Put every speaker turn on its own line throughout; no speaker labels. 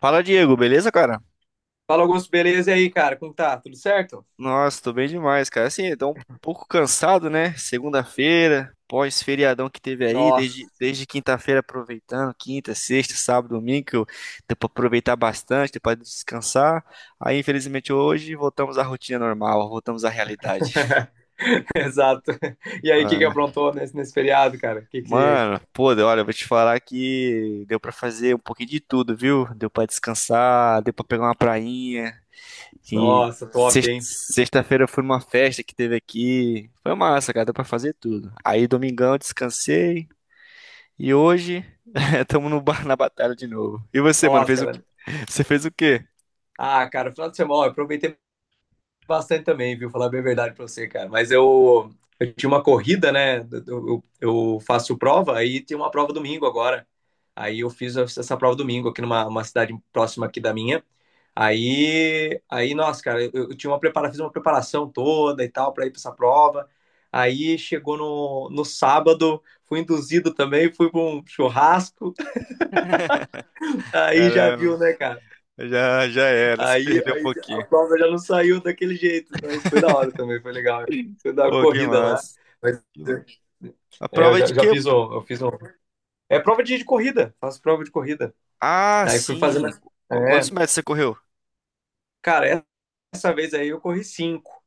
Fala, Diego, beleza, cara?
Fala, Augusto, beleza? E aí, cara, como tá? Tudo certo?
Nossa, tô bem demais, cara. Assim, tô um pouco cansado, né? Segunda-feira, pós-feriadão que teve aí,
Nossa,
desde quinta-feira aproveitando, quinta, sexta, sábado, domingo, deu pra aproveitar bastante, deu pra descansar. Aí, infelizmente, hoje voltamos à rotina normal, voltamos à realidade.
exato. E aí, o que
Ah,
que
é.
aprontou nesse feriado, cara? Que...
Mano, pô, olha, eu vou te falar que deu pra fazer um pouquinho de tudo, viu? Deu pra descansar, deu pra pegar uma prainha. E
Nossa, top, hein?
sexta-feira foi numa festa que teve aqui. Foi massa, cara, deu pra fazer tudo. Aí domingão eu descansei e hoje estamos no bar na batalha de novo. E você, mano,
Nossa,
fez o...
cara.
você fez o quê?
Ah, cara, final de semana, ó, eu aproveitei bastante também, viu? Falar bem a verdade pra você, cara. Mas eu tinha uma corrida, né? Eu, eu- faço prova, aí tem uma prova domingo agora. Aí eu fiz essa prova domingo aqui numa uma cidade próxima aqui da minha. Aí, nossa, cara, eu tinha fiz uma preparação toda e tal pra ir pra essa prova. Aí chegou no sábado, fui induzido também, fui pra um churrasco. Aí já viu,
Caramba,
né, cara?
já já era, se
Aí,
perdeu um
aí a
pouquinho.
prova já não saiu daquele jeito, mas foi da hora também, foi legal. Foi da
Pô, que
corrida lá.
massa.
Mas
Que massa. A
é, eu
prova
já,
de quê?
já fiz um, eu fiz um. É prova de corrida, faço prova de corrida.
Ah,
Aí fui fazer
sim.
mais. É,
Quantos metros você correu?
cara, essa vez aí eu corri cinco.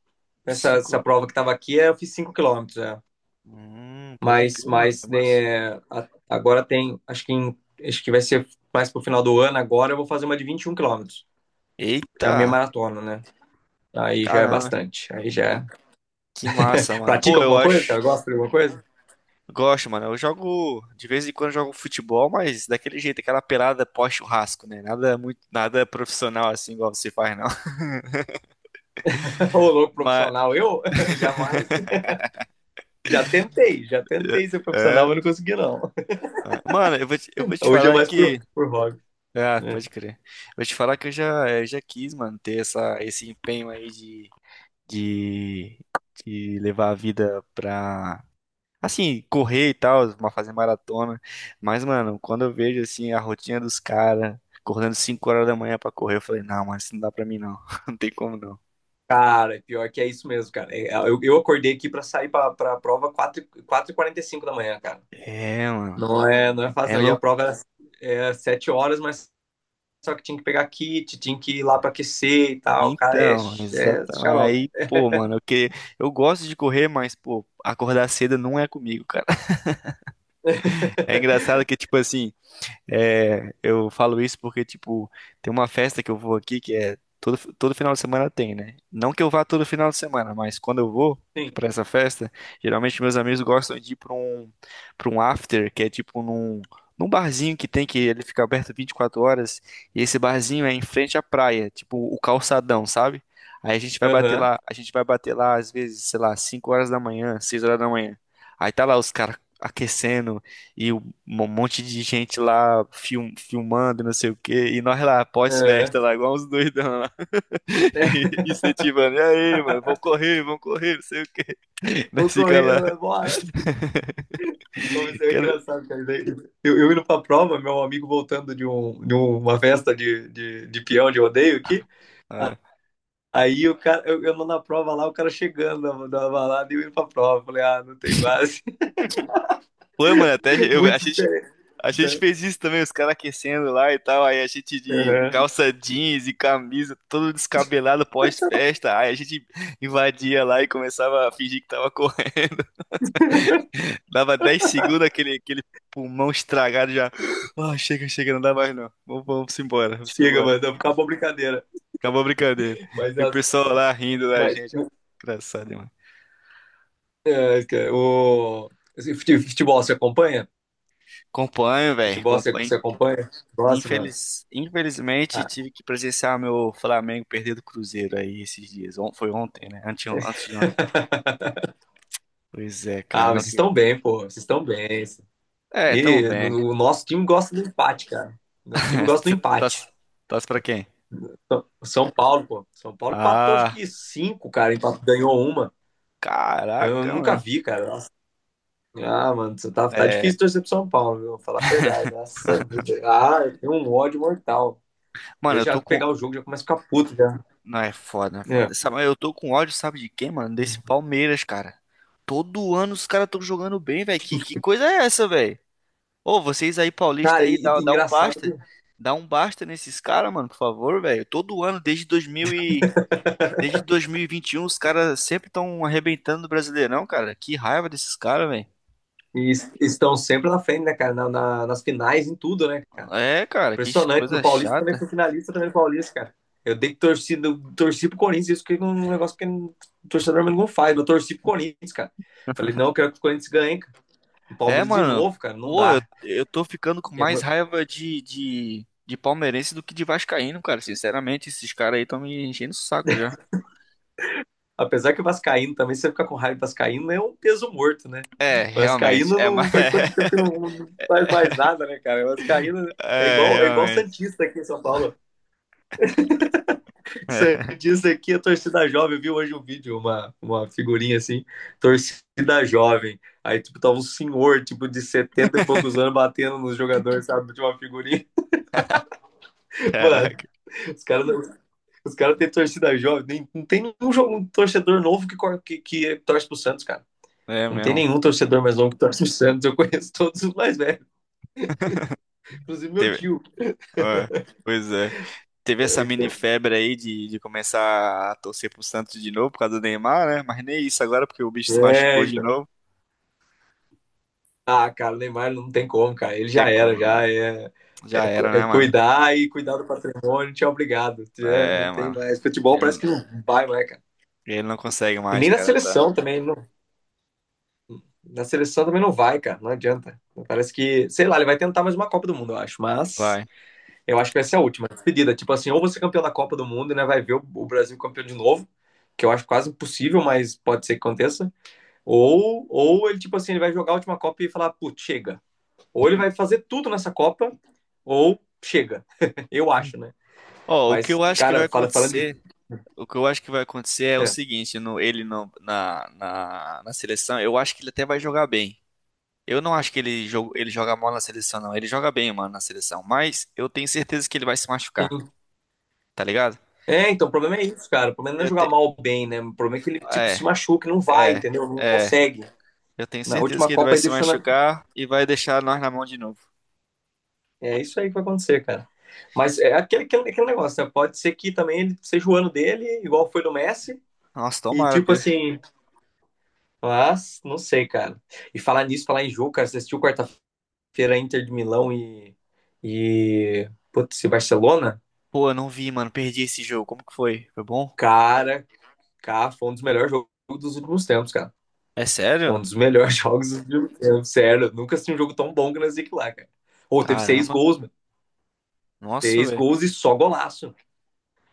Essa
Cinco.
prova que tava aqui, é, eu fiz 5 quilômetros, é.
Pode
Mas,
crer, mano, que
mas
massa.
né, agora tem, acho que vai ser mais pro final do ano. Agora eu vou fazer uma de 21 quilômetros, que é a minha
Eita,
maratona, né? Aí já é
caramba,
bastante. Aí já é.
que massa, mano.
Pratica
Pô, eu
alguma coisa,
acho.
cara? Gosta de alguma coisa?
Gosto, mano. Eu jogo, de vez em quando eu jogo futebol, mas daquele jeito, aquela pelada pós-churrasco, né? Nada muito, nada profissional assim igual você faz, não.
Ô, louco
Mas
profissional, eu jamais. Já tentei ser
é,
profissional, mas não
é.
consegui, não.
Mano, eu vou te, eu vou te
Hoje é
falar
mais
que
por hobby.
ah,
Né?
pode crer. Eu vou te falar que eu já quis, mano, ter essa, esse empenho aí de, de levar a vida pra, assim, correr e tal, fazer maratona. Mas, mano, quando eu vejo assim a rotina dos caras acordando 5 horas da manhã pra correr, eu falei, não, mano, isso não dá pra mim não. Não tem como não.
Cara, é pior que é isso mesmo, cara. Eu acordei aqui pra sair pra prova 4:45 da manhã, cara.
É, mano.
Não é, não é fácil,
É
não. E a
louco.
prova era 7 horas, mas só que tinha que pegar kit, tinha que ir lá pra aquecer e tal. Cara, é,
Então,
é
exatamente.
xarope.
Aí, pô, mano, eu que eu gosto de correr, mas, pô, acordar cedo não é comigo, cara. É engraçado que, tipo assim, é, eu falo isso porque, tipo, tem uma festa que eu vou aqui que é todo final de semana tem, né? Não que eu vá todo final de semana, mas quando eu vou
Sim.
pra essa festa, geralmente meus amigos gostam de ir pra um after, que é tipo num barzinho que tem que ele fica aberto 24 horas, e esse barzinho é em frente à praia, tipo o calçadão, sabe? Aí a gente vai bater
Aham.
lá, a gente vai bater lá às vezes, sei lá, 5 horas da manhã, 6 horas da manhã. Aí tá lá os caras aquecendo, e um monte de gente lá filmando, não sei o quê. E nós lá,
Aham.
pós-festa, lá, igual uns doidão lá. E, incentivando. E aí, mano, vão correr, não sei o quê.
O
Nós fica lá.
correr, bora. Mas é
Quero...
engraçado, cara. Daí, eu indo pra prova, meu amigo voltando de uma festa de peão de rodeio aqui. a-
Ah.
Aí o cara, eu não na prova lá, o cara chegando da balada e eu indo pra prova. Falei, ah, não tem base.
Foi, mano, até eu, a
Muito
gente,
diferente.
a gente
Né?
fez isso também, os caras aquecendo lá e tal. Aí a gente de
Uhum.
calça jeans e camisa, todo descabelado pós-festa. Aí a gente invadia lá e começava a fingir que tava correndo. Dava 10 segundos aquele, aquele pulmão estragado já. Ah, chega, chega, não dá mais não. Vamos, vamos embora, vamos
Chega,
embora.
mano, acabou a brincadeira.
Acabou a brincadeira.
Mas,
E o
as-
pessoal lá rindo da
mas
gente. É engraçado, mano.
é, cara, futebol você acompanha?
Acompanho, velho,
Futebol você,
acompanho.
você acompanha? Gosta, mano?
Infelizmente,
Ah,
tive que presenciar meu Flamengo perder do Cruzeiro aí esses dias. Foi ontem, né? Antes de ontem. Pois é, cara.
ah,
Não...
mas vocês
que-
estão bem, pô. Vocês estão bem.
É, tamo
E
bem.
o nosso time gosta do empate, cara. O time gosta do
Você
empate.
torce pra quem?
Então, São Paulo, pô. São Paulo empatou acho
Ah,
que cinco, cara. Empatou, ganhou uma. Eu
caraca,
nunca
mano.
vi, cara. Nossa. Ah, mano, você tá
É,
difícil torcer pro São Paulo, viu? Vou falar a verdade. Nossa vida. Ah, eu tenho um ódio mortal.
mano,
Eu já pegar o jogo, já começo a ficar puto já.
não, é foda, é
É.
foda. Sabe, eu tô com ódio, sabe de quem, mano? Desse Palmeiras, cara. Todo ano os caras tão jogando bem, velho. Que coisa é essa, velho? Ô, vocês aí, paulista
Cara,
aí,
e,
dá,
e
dá um
engraçado que
basta. Dá um basta nesses caras, mano, por favor, velho. Todo ano, desde 2000 e... desde 2021, os caras sempre estão arrebentando o Brasileirão, cara. Que raiva desses caras, velho.
eles estão sempre na frente, né, cara? Nas finais, em tudo, né, cara?
É, cara, que
Impressionante. No
coisa
Paulista também
chata.
fui finalista também no Paulista, cara. Eu dei torcida, eu torci pro Corinthians, isso que é um negócio que o torcedor não faz. Eu torci pro Corinthians, cara. Falei, não, eu quero que o Corinthians ganhe, cara. O
É,
Palmeiras de
mano.
novo, cara, não
Pô, eu,
dá.
eu tô ficando com
é
mais
uma-
raiva de palmeirense do que de vascaíno, cara. Sinceramente, esses caras aí estão me enchendo o saco já.
apesar que o Vascaíno também, se você ficar com raiva do Vascaíno, é um peso morto, né?
É,
O
realmente.
Vascaíno
É,
não
mais
faz quanto tempo que não, não faz mais nada, né, cara? O Vascaíno é
é,
igual, é igual o
realmente.
Santista aqui em São Paulo. Você disse aqui a torcida jovem, eu vi hoje um vídeo, uma figurinha assim, torcida jovem. Aí, tipo, tava um senhor, tipo, de 70 e poucos anos batendo nos jogadores, sabe, de uma figurinha. Mano,
Caraca.
os caras os cara têm torcida jovem. Nem, não tem nenhum jogo, um torcedor novo que torce pro Santos, cara.
É
Não tem
mesmo.
nenhum torcedor mais novo que torce pro Santos. Eu conheço todos os mais velhos, inclusive meu
Teve...
tio.
é, pois é. Teve essa mini febre aí de começar a torcer pro Santos de novo por causa do Neymar, né? Mas nem isso agora, porque o bicho se
É,
machucou de
então.
novo.
Ah, cara, o Neymar não tem como, cara. Ele
Tem
já era,
como, né?
já é.
Já era,
É
né, mano?
cuidar e cuidar do patrimônio, tchau, obrigado. Tchau. Não
É,
tem
mano.
mais. Futebol parece
Ele,
que não vai mais, cara.
ele não consegue
E
mais,
nem na
cara, tá?
seleção também. Não, na seleção também não vai, cara. Não adianta. Parece que, sei lá, ele vai tentar mais uma Copa do Mundo, eu acho. Mas
Vai.
eu acho que vai ser a última despedida. Tipo assim, ou você é campeão da Copa do Mundo, e né? Vai ver o Brasil campeão de novo, que eu acho quase impossível, mas pode ser que aconteça. Ou ele, tipo assim, ele vai jogar a última Copa e falar, putz, chega. Ou ele vai fazer tudo nessa Copa, ou chega. Eu acho, né?
Ó, o que
Mas,
eu acho que vai
cara, falando de
acontecer, o que eu acho que vai acontecer é o
É,
seguinte, no, ele não, na, na, na seleção, eu acho que ele até vai jogar bem. Eu não acho que ele joga mal na seleção, não. Ele joga bem, mano, na seleção. Mas eu tenho certeza que ele vai se machucar,
sim.
tá ligado?
É, então, o problema é isso, cara. O problema não é
Eu
jogar
te...
mal ou bem, né? O problema é que ele, tipo,
É,
se machuca, e não vai,
é,
entendeu? Não
é.
consegue.
Eu tenho
Na
certeza
última
que ele
Copa
vai
ele
se
deixou na...
machucar e vai deixar nós na mão de novo.
É isso aí que vai acontecer, cara. Mas é aquele, aquele, aquele negócio, né? Pode ser que também ele seja o ano dele, igual foi do Messi.
Nossa,
E,
tomara,
tipo
Deus.
assim, mas não sei, cara. E falar nisso, falar em jogo, cara, você assistiu quarta-feira Inter de Milão e... Putz, e Barcelona?
Pô, eu não vi, mano. Perdi esse jogo. Como que foi? Foi bom?
Cara, cá foi um dos melhores jogos dos últimos tempos, cara.
É
Foi um
sério?
dos melhores jogos do filme. Eu, sério, nunca assisti um jogo tão bom que nós que lá, cara. Ou teve seis
Caramba.
gols, mano.
Nossa,
Seis
velho.
gols e só golaço.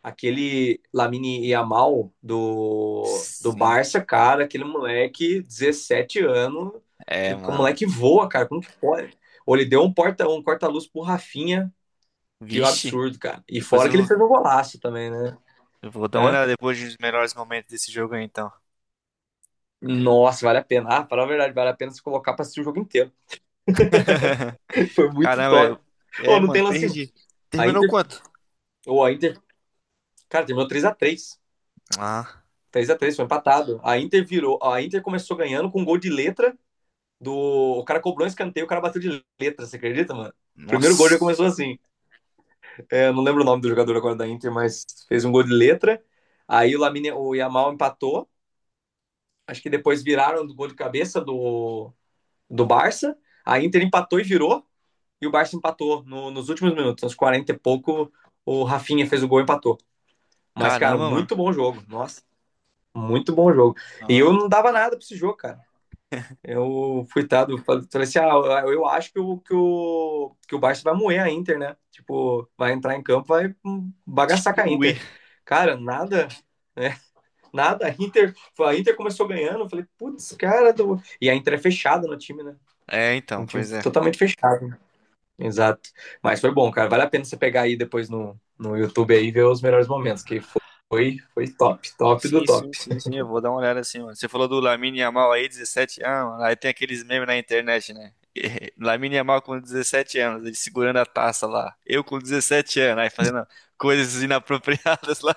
Aquele Lamine Yamal do
Sim.
Barça, cara, aquele moleque, 17 anos, e
É,
o
mano.
moleque voa, cara, como que pode? Ou ele deu um porta um corta-luz pro Rafinha, que
Vixe,
absurdo, cara. E
depois
fora que ele
eu,
fez um golaço também, né?
eu vou dar uma
Hã?
olhada depois dos melhores momentos desse jogo aí, então.
Nossa, vale a pena. Ah, para a verdade, vale a pena se colocar pra assistir o jogo inteiro. Foi muito
Caramba,
top.
eu... É,
Ou não
mano,
tem lance.
perdi. Terminou
Ainda
quanto?
Ou a Inter, cara, terminou 3-3,
Ah,
foi empatado. A Inter virou, a Inter começou ganhando com um gol de letra do, o cara cobrou um escanteio, o cara bateu de letra, você acredita, mano? O primeiro gol já
nossa.
começou assim. É, não lembro o nome do jogador agora da Inter, mas fez um gol de letra. Aí o Lamine, o Yamal empatou. Acho que depois viraram do gol de cabeça do Barça. A Inter empatou e virou. E o Barça empatou nos últimos minutos, aos 40 e pouco. O Rafinha fez o gol e empatou. Mas, cara,
Caramba, mano.
muito bom jogo. Nossa. Muito bom jogo. E
Ah,
eu não dava nada pra esse jogo, cara. Eu, coitado, falei assim: ah, eu acho que o, Barça vai moer a Inter, né? Tipo, vai entrar em campo, vai bagaçar com a
destruir.
Inter. Cara, nada, né? Nada. A Inter começou ganhando, eu falei, putz, cara. E a Inter é fechada no time, né?
É, então,
Um time
pois é.
totalmente fechado. Exato. Mas foi bom, cara. Vale a pena você pegar aí depois no YouTube aí e ver os melhores momentos, que foi top, top do
Sim, sim,
top.
sim, sim, eu vou dar uma olhada assim, mano. Você falou do Lamine Yamal aí, 17 anos, mano. Aí tem aqueles memes na internet, né? Lamine Yamal com 17 anos, ele segurando a taça lá. Eu com 17 anos, aí fazendo coisas inapropriadas lá.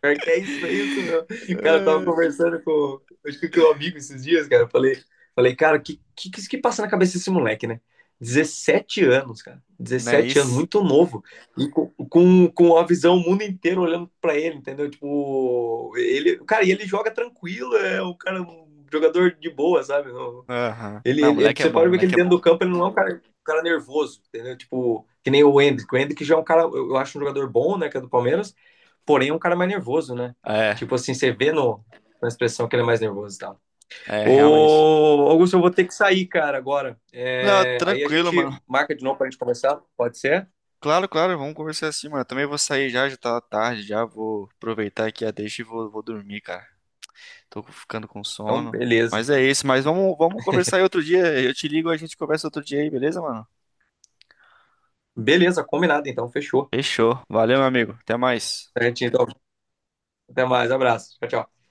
Pior que é isso, meu. Cara, eu tava conversando com, acho que com um amigo esses dias, cara. Eu falei, cara, que que isso que passa na cabeça desse moleque, né? 17 anos, cara.
Não é
17 anos,
isso?
muito novo. E com a visão o mundo inteiro olhando pra ele, entendeu? Tipo, ele, cara, e ele joga tranquilo, é um cara, um jogador de boa, sabe? Não,
Aham.
ele,
Não,
ele, ele-
moleque é
você
bom,
pode ver que
moleque
ele
é
dentro
bom.
do campo ele não é um cara nervoso, entendeu? Tipo, que nem o Hendrick. O Hendrick já é um cara, eu acho um jogador bom, né, que é do Palmeiras, porém é um cara mais nervoso, né?
É,
Tipo assim, você vê no, na expressão que ele é mais nervoso e tal.
é, realmente.
Ô, Augusto, eu vou ter que sair, cara, agora.
Não,
É, aí a
tranquilo,
gente
mano.
marca de novo pra gente conversar, pode ser?
Claro, claro, vamos conversar assim, mano. Eu também vou sair já, já tá tarde, já vou aproveitar aqui a deixa e vou dormir, cara. Tô ficando com
Então,
sono.
beleza.
Mas é isso, mas vamos conversar aí outro dia. Eu te ligo, a gente conversa outro dia aí, beleza, mano?
Beleza, combinado, então, fechou.
Fechou. Valeu, meu amigo. Até mais.
Certinho, então, até mais, abraço. Tchau, tchau.